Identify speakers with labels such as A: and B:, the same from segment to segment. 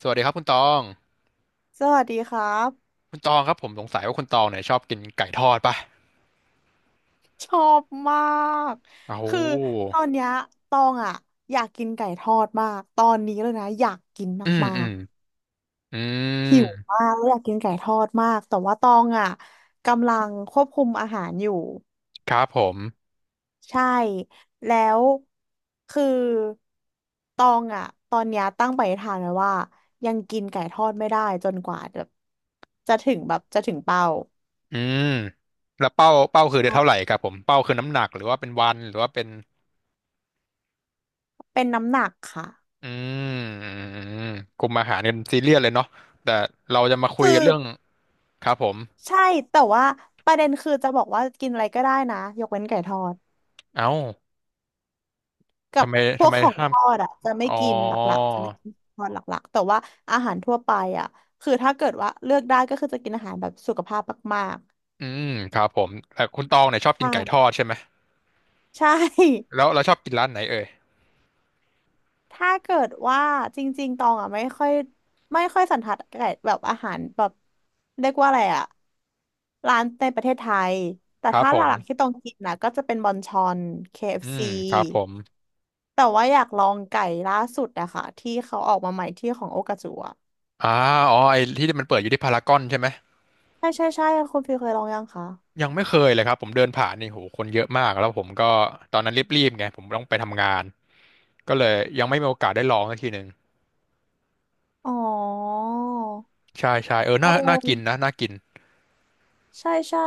A: สวัสดีครับคุณตอง
B: สวัสดีครับ
A: คุณตองครับผมสงสัยว่าคุณตองเนี่ยชอบกินไก่ทอดป่ะ
B: ชอบมาก
A: โอ้โ
B: คือต
A: ห
B: อนเนี้ยตองอ่ะอยากกินไก่ทอดมากตอนนี้เลยนะอยากกิน
A: อืม
B: มา
A: อื
B: ก
A: มอื
B: ๆหิว
A: ม
B: มากแล้วอยากกินไก่ทอดมากแต่ว่าตองอ่ะกำลังควบคุมอาหารอยู่
A: ครับผม
B: ใช่แล้วคือตองอ่ะตอนเนี้ยตั้งปณิธานไว้ว่ายังกินไก่ทอดไม่ได้จนกว่าแบบจะถึงแบบจะถึงเป้า
A: อืมแล้วเป้าคือเดือนเท่าไหร่ครับผมเป้าคือน้ำหนักหรือว่าเป็นวันหรือว่าเป็น
B: เป็นน้ำหนักค่ะ
A: อืมอืมอืมกลุ่มอาหารกันซีเรียสเลยเนาะแต่เราจะมาคุ
B: คื
A: ยกัน
B: อ
A: เรื่องครับผม
B: ใช่แต่ว่าประเด็นคือจะบอกว่ากินอะไรก็ได้นะยกเว้นไก่ทอด
A: เอ้า
B: กับ
A: ทำไม
B: พ
A: ทำ
B: วก
A: ไม
B: ของ
A: ห้า
B: ท
A: ม
B: อดอ่ะจะไม่
A: อ๋อ
B: กินหลักๆจะไม่กินทอดหลักๆแต่ว่าอาหารทั่วไปอ่ะคือถ้าเกิดว่าเลือกได้ก็คือจะกินอาหารแบบสุขภาพมาก
A: อืมครับผมแต่คุณตองเนี่ยชอบ
B: ๆ
A: กินไก่ท
B: ใช่
A: อดใช่ไหม
B: ใช่
A: แล้วเราชอบกินร้านไหนเอ่ย
B: ถ้าเกิดว่าจริงๆตองอ่ะไม่ค่อยไม่ค่อยสันทัดไก่แบบอาหารแบบเรียกว่าอะไรอ่ะร้านในประเทศไทยแต่
A: ครับ
B: ถ้า
A: ผ
B: หลักๆที่
A: ม
B: ต้องกินนะก็จะเป็นบอนชอน
A: อื
B: KFC
A: มครับผม
B: แต่ว่าอยากลองไก่ล่าสุดอะค่ะที่เขาออกมาใหม่ที่ของโอกาจูอะ
A: อ่าอ๋อไอ้ที่มันเปิดอยู่ที่พารากอนใช่ไหม
B: ใช่ใช่ใช่คุณฟิลเคยลองยังคะ
A: ยังไม่เคยเลยครับผมเดินผ่านนี่โหคนเยอะมากแล้วผมก็ตอนนั้นรีบๆไงผมต้องไปทำงานก็เลยยังไม่มีโอกาสได้ลองสักทีหนึ่ง
B: อ๋อ
A: ใช่ใช่เออ
B: โอ
A: น่าน่ากินนะ
B: ้
A: น่ากิน
B: ใช่ใช่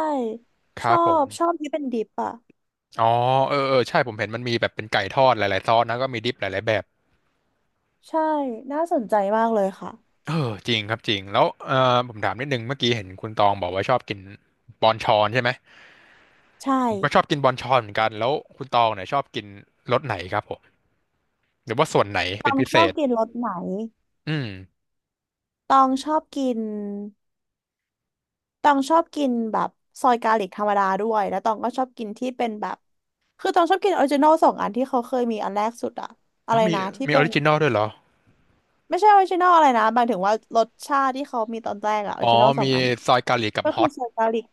A: ค
B: ช
A: รั
B: อ
A: บผม
B: บชอบที่เป็นดิปอะ
A: อ๋อเออเออใช่ผมเห็นมันมีแบบเป็นไก่ทอดหลายๆซอสนะก็มีดิปหลายๆแบบ
B: ใช่น่าสนใจมากเลยค่ะ
A: เออจริงครับจริงแล้วเออผมถามนิดนึงเมื่อกี้เห็นคุณตองบอกว่าชอบกินบอนชอนใช่ไหม
B: ใช่
A: ผมก็ชอบกินบอนชอนเหมือนกันแล้วคุณตองเนี่ยชอบกินรสไหนครับผมหรือว่าส่วนไหน
B: ต
A: เป็
B: อ
A: น
B: ง
A: พิ
B: ช
A: เศ
B: อบ
A: ษ
B: กินรสไหน
A: อืม
B: ตองชอบกินตองชอบกินแบบซอยกาลิกธรรมดาด้วยแล้วตองก็ชอบกินที่เป็นแบบคือตองชอบกินออริจินอลสองอันที่เขาเคยมีอันแรกสุดอะอะ
A: แล้
B: ไร
A: วมี
B: นะที่
A: มีอ
B: เป็
A: อ
B: น
A: ริจินอลด้วยเหรอ
B: ไม่ใช่ออริจินอลอะไรนะหมายถึงว่ารสชาติที่เขามีตอนแรกอะออริ
A: อ๋อ
B: จินอลสอง
A: มี
B: อัน
A: ซอยเกาหลีกับ
B: ก็
A: ฮ
B: คื
A: อ
B: อ
A: ต
B: ใส่กาลิก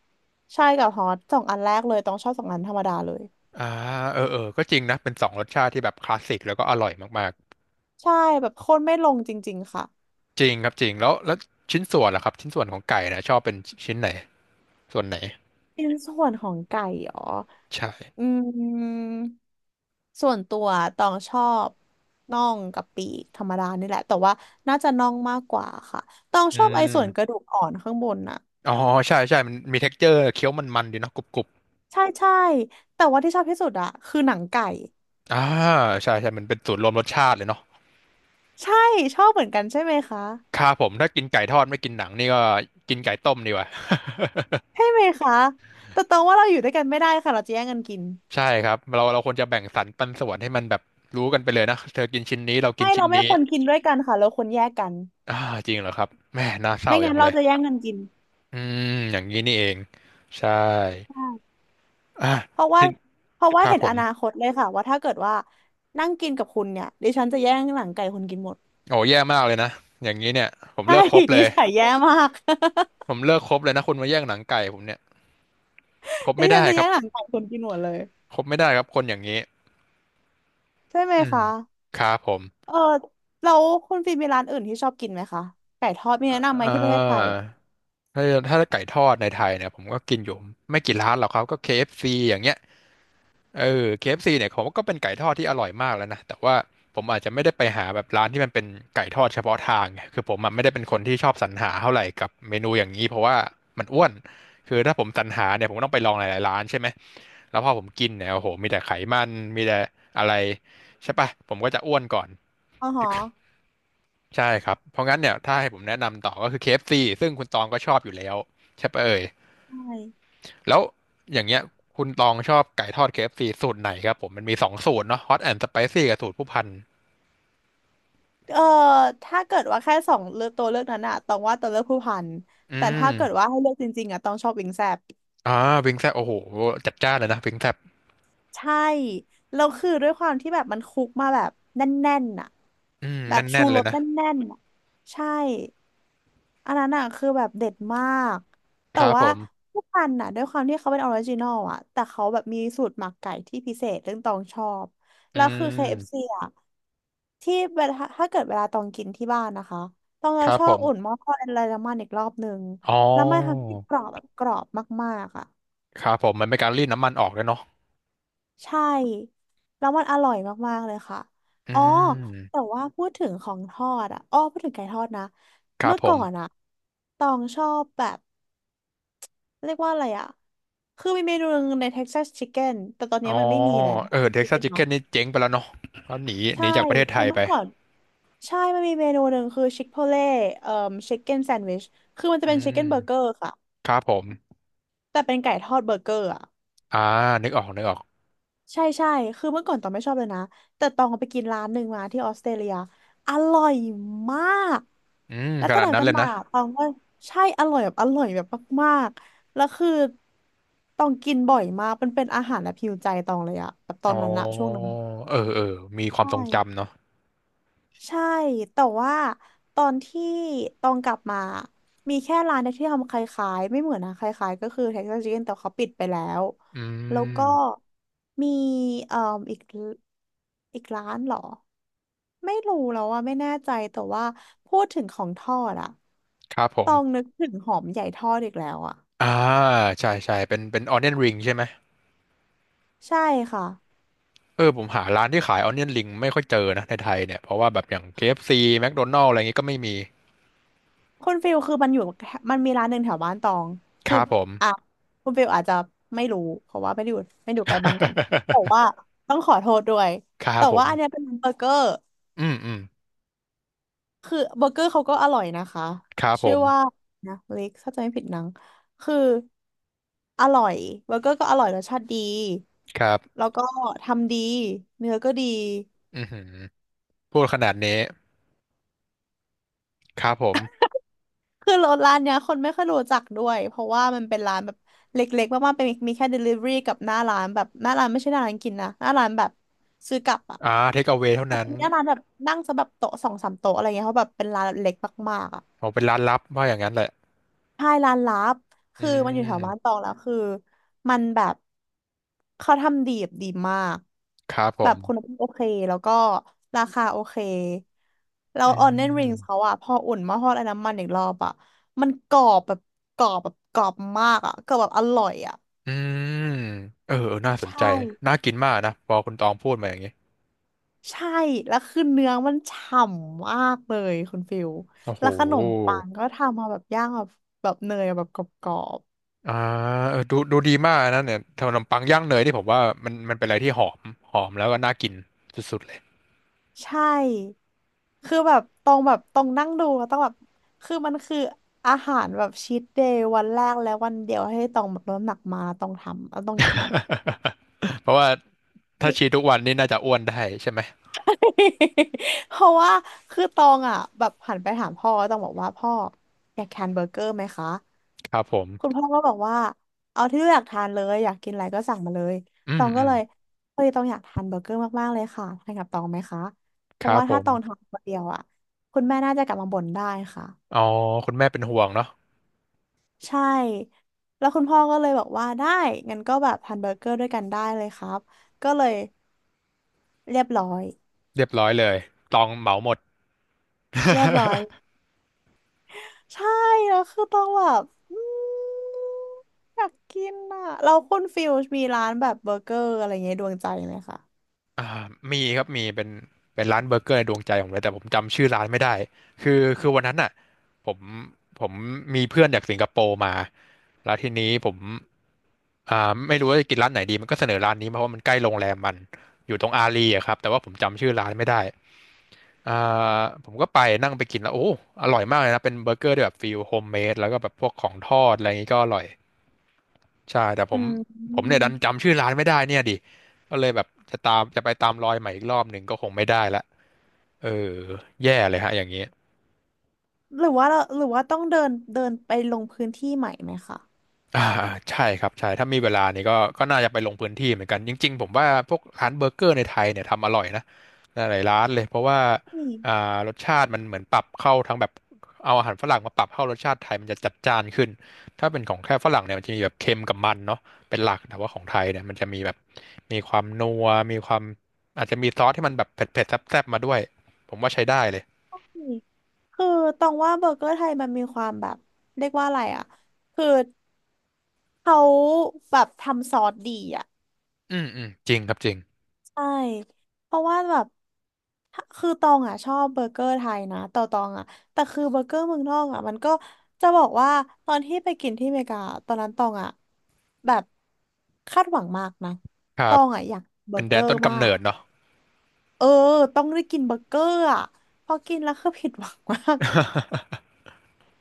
B: ใช่กับฮอตสองอันแรกเลยต้องชอบสองอันธรรมดาเลย
A: อ่าเออเออก็จริงนะเป็นสองรสชาติที่แบบคลาสสิกแล้วก็อร่อยมาก
B: ใช่แบบโคตรไม่ลงจริงๆค่ะ
A: ๆจริงครับจริงแล้วแล้วชิ้นส่วนล่ะครับชิ้นส่วนของไก่นะชอบเป็นชิ้นไหนส่วนไหน
B: เป็นส่วนของไก่เหรอ
A: ใช่
B: อืมส่วนตัวต้องชอบน่องกับปีกธรรมดานี่แหละแต่ว่าน่าจะน่องมากกว่าค่ะต้อง
A: อื
B: ชอบไอ้ส่วนกระ
A: ม
B: ดูกอ่อนข้างบนน่ะ
A: อ๋อใช่ใช่มันมี texture เจอร์เคี้ยวมันๆดีเนาะกรุบ
B: ใช่ใช่แต่ว่าที่ชอบที่สุดอะคือหนังไก่
A: ๆอ่าใช่ใช่มันเป็นสูตรรวมรสชาติเลยเนาะ
B: ใช่ชอบเหมือนกันใช่ไหมคะ
A: ครับผมถ้ากินไก่ทอดไม่กินหนังนี่ก็กินไก่ต้มดีกว่า
B: ใช่ไหมคะแต่ตรงว่าเราอยู่ด้วยกันไม่ได้ค่ะเราจะแย่งกันกิน
A: ใช่ครับเราควรจะแบ่งสรรปันส่วนให้มันแบบรู้กันไปเลยนะเธอกินชิ้นนี้เรากิน
B: ไม่
A: ชิ้
B: เรา
A: น
B: ไม่
A: นี้
B: ควรกินด้วยกันค่ะเราควรแยกกัน
A: อ่าจริงเหรอครับแม่น่าเศร้า
B: ไม่
A: อ
B: งั้
A: ย่า
B: น
A: งเล
B: เรา
A: ย
B: จะแย่งกันกิน
A: อือย่างนี้นี่เองใช่
B: ใช่
A: อ่ะ
B: เพราะว่า
A: พี่
B: เพราะว่า
A: ครับ
B: เห็น
A: ผ
B: อ
A: ม
B: นาคตเลยค่ะว่าถ้าเกิดว่านั่งกินกับคุณเนี่ยดิฉันจะแย่งหลังไก่คุณกินหมด
A: โอ้แย่มากเลยนะอย่างนี้เนี่ยผม
B: ใช่
A: เลิกคบ เล
B: นิ
A: ย
B: สัยแย่มาก
A: ผมเลิกคบเลยนะคุณมาแย่งหนังไก่ผมเนี่ยคบ
B: ดิ
A: ไม่
B: ฉั
A: ได้
B: นจะ
A: ครั
B: แย่
A: บ
B: งหลังไก่คุณกินหมดเลย
A: คบไม่ได้ครับคนอย่างนี้
B: ใช่ไหม
A: อืม
B: คะ
A: ครับผม
B: เออแล้วคุณฟิล์มมีร้านอื่นที่ชอบกินไหมคะไก่ทอดมีแนะนำไหม
A: อ่
B: ที่ประเทศไทย
A: า
B: อ่ะ
A: ถ้าถ้าไก่ทอดในไทยเนี่ยผมก็กินอยู่ไม่กี่ร้านหรอกครับก็ KFC อฟซีอย่างเงี้ย เออ KFC เอฟซีเนี่ยผมว่าก็เป็นไก่ทอดที่อร่อยมากแล้วนะแต่ว่าผมอาจจะไม่ได้ไปหาแบบร้านที่มันเป็นไก่ทอดเฉพาะทางไงคือผมอะไม่ได้เป็นคนที่ชอบสรรหาเท่าไหร่กับเมนูอย่างนี้เพราะว่ามันอ้วนคือถ้าผมสรรหาเนี่ยผมก็ต้องไปลองหลายๆร้านใช่ไหมแล้วพอผมกินเนี่ยโอ้โหมีแต่ไขมันมีแต่อะไรใช่ปะผมก็จะอ้วนก่อน
B: อ๋อฮะ
A: ใช่ครับเพราะงั้นเนี่ยถ้าให้ผมแนะนำต่อก็คือ KFC ซซึ่งคุณตองก็ชอบอยู่แล้วใช่ปะเอ่ย
B: ใช่
A: แล้วอย่างเงี้ยคุณตองชอบไก่ทอด KFC สูตรไหนครับผมมันมีสองสูตรเนาะฮอตแอนด์สไปซี่กับสูตรผู้พัน
B: เออถ้าเกิดว่าแค่สองเลือกตัวเลือกนั้นอะต้องว่าตัวเลือกผู้พัน
A: อื
B: แต่
A: ม
B: ถ้าเกิดว่าให้เลือกจริงๆอะต้องชอบวิงแซบ
A: อ่าวิงแซบโอ้โหจัดจ้านเลยนะวิงแซบ
B: ใช่แล้วคือด้วยความที่แบบมันคุกมาแบบแน่นๆอะ
A: อืม
B: แบบ
A: แน่
B: ชู
A: นๆเล
B: ร
A: ย
B: ส
A: นะ
B: แน่นๆอะใช่อันนั้นอะคือแบบเด็ดมาก
A: ค
B: แต่
A: รับผ
B: ว่า
A: ม
B: ผู้พันอะด้วยความที่เขาเป็นออริจินอลอะแต่เขาแบบมีสูตรหมักไก่ที่พิเศษเรื่องตองชอบ
A: อื
B: แล้วคือเคเอฟซี
A: ม
B: อะ ที่เวลาถ้าเกิดเวลาตองกินที่บ้านนะคะตอง
A: ค
B: จะ
A: รับ
B: ชอ
A: ผ
B: บ
A: ม
B: อุ่นหม้อทอดอะไรน้ำมันอีกรอบหนึ่ง
A: อ๋อ
B: แล้วมันทำให้กรอบแบบกรอบมากๆอ่ะ
A: ครับผมมันเป็นการรีดน้ำมันออกด้วยเนาะ
B: ใช่แล้วมันอร่อยมากๆเลยค่ะ
A: อื
B: อ๋อ
A: ม
B: แต่ว่าพูดถึงของทอดอ่ะอ้อพูดถึงไก่ทอดนะ
A: ครับ
B: เมื่อ
A: ผ
B: ก่อนอ่ะ
A: ม
B: ตองชอบแบบเรียกว่าอะไรอ่ะคือมีเมนูหนึงใน Texas Chicken แต่ตอน
A: อ๋
B: นี้
A: อ
B: มันไม่มีแล้ว
A: เออเท็กซัส
B: Chicken
A: ชิคเก้
B: เนาะ
A: นนี่เจ๊งไปแล้วเนาะเขาหนีหนี
B: ใช่
A: จากประเทศไท
B: คือ
A: ยไป
B: เมื่อก่อน ใช่ มันมีเมนูหนึ่งคือชิคโพเล่เอ่อชิคเก้นแซนด์วิชคือมันจะ
A: อื
B: เป็นชิค
A: ม
B: เก้นเบอร์เกอร์ค่ะ
A: ครับผม
B: แต่เป็นไก่ทอดเบอร์เกอร์อ่ะ
A: อ่านึกออกนึกออก
B: ใช่ใช่ คือเมื่อก่อนตองไม่ชอบเลยนะ แต่ตองไปกินร้านหนึ่งมาที่ออสเตรเลียอร่อยมาก
A: อืม
B: แล้ว
A: ข
B: ตั้ง
A: นาด
B: แต่
A: นั้น
B: ต้
A: เล
B: น
A: ย
B: มา
A: นะ
B: ตองก็ใช่อร่อยแบบอร่อยแบบมากๆแล้วคือตองกินบ่อยมากมันเป็นอาหารและพิวใจตองเลยอะแบบตอ
A: อ๋อ
B: นนั้นอะช่วงนั้น
A: เออเออมีความ
B: ใช่
A: ทรงจำเนาะ
B: ใช่ แต่ว่าตอนที่ตองกลับมา มีแค่ร้านเดียวที่ทำคล้ายๆไม่เหมือนนะคล้ายๆก็คือ Texas Chicken แต่เขาปิดไปแล้ว
A: อื
B: แล้วก็
A: ม
B: มีเอ่ออีกอีกร้านเหรอ ไม่รู้แล้วว่าไม่แน่ใจแต่ว่าพูดถึงของทอดอะ
A: ครับผ
B: ต
A: ม
B: องนึกถึงหอมใหญ่ทอดอีกแล้วอะ
A: อ่าใช่ใช่เป็นเป็น Onion Ring ใช่ไหม
B: ใช่ค่ะ
A: เออผมหาร้านที่ขาย Onion Ring ไม่ค่อยเจอนะในไทยเนี่ยเพราะว่าแบบอย่าง KFC McDonald's อะไรอย่างงี้ก็ไม่มี
B: คุณฟิลคือมันอยู่แถวมันมีร้านหนึ่งแถวบ้านตอง
A: ค
B: คือ
A: รับผม
B: อ่ะคุณฟิลอาจจะไม่รู้เพราะว่าไม่ได้อยู่ใกล้บ้านกันแต่ว่า ต้องขอโทษด้วย
A: ครับ
B: แต่
A: ผ
B: ว่า
A: ม
B: อันเนี้ยเป็นเบอร์เกอร์
A: อืมอืม
B: คือเบอร์เกอร์เขาก็อร่อยนะคะ
A: ครับผ
B: ชื่อว่า
A: ม
B: นะลิกถ้าจะไม่ผิดนังคืออร่อยเบอร์เกอร์ก็อร่อยรสชาติดี
A: ครับ
B: แล้วก็ทำดีเนื้อก็ดี
A: อือหือพูดขนาดนี้ครับผม
B: คือรถร้านเนี้ยคนไม่ค่อยรู้จักด้วยเพราะว่ามันเป็นร้านแบบเล็กๆมากๆเป็นมีแค่ delivery กับหน้าร้านแบบหน้าร้านไม่ใช่หน้าร้านกินนะหน้าร้านแบบซื้อกลับอ่ะ
A: อ่าเทคเอา a วเท่า
B: อัน
A: นั้น
B: นี้หน้าร้านแบบนั่งซะแบบโต๊ะสองสามโต๊ะอะไรเงี้ยเพราะแบบเป็นร้านเล็กมากๆอ่ะ
A: ผมเป็นร้านลับว่าอย่างนั้นแหละ
B: ใช่ร้านลับ
A: อื
B: คือมันอยู่แถวบ้านต
A: ม
B: องแล้วคือมันแบบเขาทำดีแบบดีมาก
A: ครับผ
B: แบบ
A: ม
B: คุณภาพโอเคแล้วก็ราคาโอเคแล้
A: อื
B: วออนเนนริงเขา
A: ม
B: อะพออุ่นหมาทอดไอ้น้ำมันอีกรอบอะมันกรอบแบบกรอบมากอะกรอบแบบอร่อยอะ
A: อืมเออเออน่าสนใจ
B: ใช่
A: น่ากินมากนะ พอคุณตองพูดมาอย่างนี้
B: ใช่แล้วคือเนื้อมันฉ่ำมากเลยคุณฟิล
A: โอ้โห
B: แล้วขนมปังก็ทำมาแบบย่างแบบเนยแบบกรอบ
A: อ่าเออดูดูดีมากนะเนี่ยขนมปังย่างเนยที่ผมว่ามันมันเป็นอะไรที่หอม หอมแล้วก็น่ากินสุดๆเลย
B: ใช่ คือแบบตรงแบบตรงนั่งดูแล้วต้องแบบคือมันคืออาหารแบบชีทเดย์วันแรกและวันเดียวให้ตองแบบลดน้ำหนักมาแล้วต้องทำแล้วต้องกินอ่ะ
A: เพราะว่าถ้าชีทุกวันนี่น่าจะอ้วนได้ใช่ไหม
B: เพราะว่าคือตองอ่ะแบบหันไปถามพ่อแล้วตองบอกว่าพ่ออยากทานเบอร์เกอร์ไหมคะ
A: ครับผม
B: คุณพ่อก็บอกว่าเอาที่ลูกอยากทานเลยอยากกินอะไรก็สั่งมาเลย
A: อื
B: ต
A: ม
B: อง
A: อื
B: ก็
A: ม
B: เลยเฮ้ยตองอยากทานเบอร์เกอร์มากๆเลยค่ะทานกับตองไหมคะเพ
A: ค
B: ราะ
A: รับ
B: ว่า
A: ผ
B: ถ้า
A: ม
B: ตองทานคนเดียวอ่ะคุณแม่น่าจะกลับมาบ่นได้ค่ะ
A: อ๋อคุณแม่เป็นห่วงเนาะ
B: ใช่แล้วคุณพ่อก็เลยบอกว่าได้ งั้นก็แบบทานเบอร์เกอร์ด้วยกันได้เลยครับก็เลยเรียบร้อย
A: เรียบร้อยเลยตองเหมาหมด
B: เรียบร้อย ใช่แล้วคือต้องแบบอืมอยากกินอ่ะเราคุณฟิลมีร้านแบบเบอร์เกอร์อะไรเงี้ยดวงใจไหมคะ
A: อ่ามีครับมีเป็นเป็นร้านเบอร์เกอร์ในดวงใจผมเลยแต่ผมจำชื่อร้านไม่ได้คือวันนั้นน่ะผมผมมีเพื่อนจากสิงคโปร์มาแล้วทีนี้ผมไม่รู้ว่าจะกินร้านไหนดีมันก็เสนอร้านนี้มาเพราะว่ามันใกล้โรงแรมมันอยู่ตรงอารีอะครับแต่ว่าผมจำชื่อร้านไม่ได้อ่ผมก็ไปนั่งไปกินแล้วโอ้อร่อยมากเลยนะเป็นเบอร์เกอร์ที่แบบฟิลโฮมเมดแล้วก็แบบพวกของทอดอะไรอย่างนี้ก็อร่อยใช่แต่ผ
B: อื
A: มผมเนี่ย
B: ม
A: ดันจำชื่อร้านไม่ได้เนี่ยดิก็เลยแบบจะไปตามรอยใหม่อีกรอบหนึ่งก็คงไม่ได้ละ เออแย่เลยฮะอย่างนี้
B: หรือว่าเราหรือว่าต้องเดินเดินไปลงพื้นที่ใหม่ไหมคะ
A: อ่าใช่ครับใช่ถ้ามีเวลานี่ก็น่าจะไปลงพื้นที่เหมือนกันจริงๆผมว่าพวกร้านเบอร์เกอร์ในไทยเนี่ยทำอร่อยนะหลายๆร้านเลยเพราะว่า
B: นี่
A: อ่ารสชาติมันเหมือนปรับเข้าทั้งแบบเอาอาหารฝรั่งมาปรับเข้ารสชาติไทยมันจะจัดจ้านขึ้นถ้าเป็นของแค่ฝรั่งเนี่ยมันจะมีแบบเค็มกับมันเนาะเป็นหลักแต่ว่าของไทยเนี่ยมันจะมีแบบมีความนัวมีความอาจจะมีซอสที่มันแบบเผ็ดๆแซ่บๆมาด้วยผมว่าใช้ได้เลย
B: นี่คือตองว่าเบอร์เกอร์ไทยมันมีความแบบเรียกว่าอะไรอ่ะคือเขาแบบทำซอสดีอ่ะ
A: อืมอืมจริงครับจริง
B: ใช่ เพราะว่าแบบถ้าคือตองอ่ะชอบเบอร์เกอร์ไทยนะแต่อตองอ่ะแต่คือเบอร์เกอร์เมืองนอกอ่ะมันก็จะบอกว่าตอนที่ไปกินที่อเมริกาตอนนั้นตองอ่ะแบบคาดหวังมากนะ
A: ครั
B: ต
A: บ
B: องอ่ะอยากเบอ
A: เป็น
B: ร์
A: แด
B: เกอ
A: น
B: ร์
A: ต้น
B: มา
A: กำเนิ
B: ก
A: ดเนาะ
B: เออต้องได้กินเบอร์เกอร์อ่ะพอกินแล้วคือผิดหวังมาก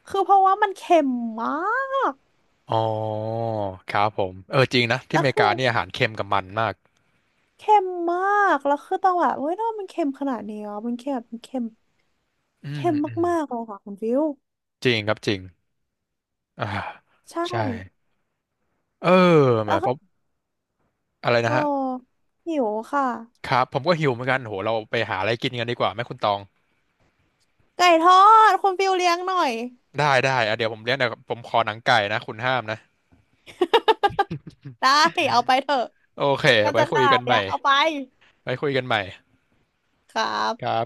B: คือเพราะว่ามันเค็มมาก
A: อ๋อครับผมเออจริงนะที่
B: แล้
A: อ
B: ว
A: เมริ
B: คื
A: กา
B: อ
A: เนี่ยอาหารเค็มกับมันมาก
B: เค็มมากแล้วคือตองแบบเฮ้ยทำไมมันเค็มขนาดนี้อ่ะมันเค็มแบบมันเค็ม
A: อืม
B: เค็ม
A: อืม
B: มากๆเลยค่ะคุณฟิว
A: จริงครับจริงอ่า
B: ใช่
A: ใช่เออแหม
B: แล้ว
A: เพ
B: ก็
A: ราะอะไรนะ
B: โอ้
A: ฮะ
B: หิวค่ะ
A: ครับผมก็หิวเหมือนกันโหเราไปหาอะไรกินกันดีกว่าไหมคุณตอง
B: ไก่ทอดคุณฟิวเลี้ยงหน่อย
A: ได้ได้อ่ะเดี๋ยวผมเลี้ยงเดี๋ยวผมขอหนังไก่นะคุณห้ามนะ
B: ได้เอาไปเถอะ
A: โอเค
B: ก็
A: ไว้
B: จะข
A: คุย
B: นา
A: กั
B: ด
A: นให
B: เนี้
A: ม่
B: ยเอาไป
A: ไว้คุยกันใหม่
B: ครั
A: ค
B: บ
A: รับ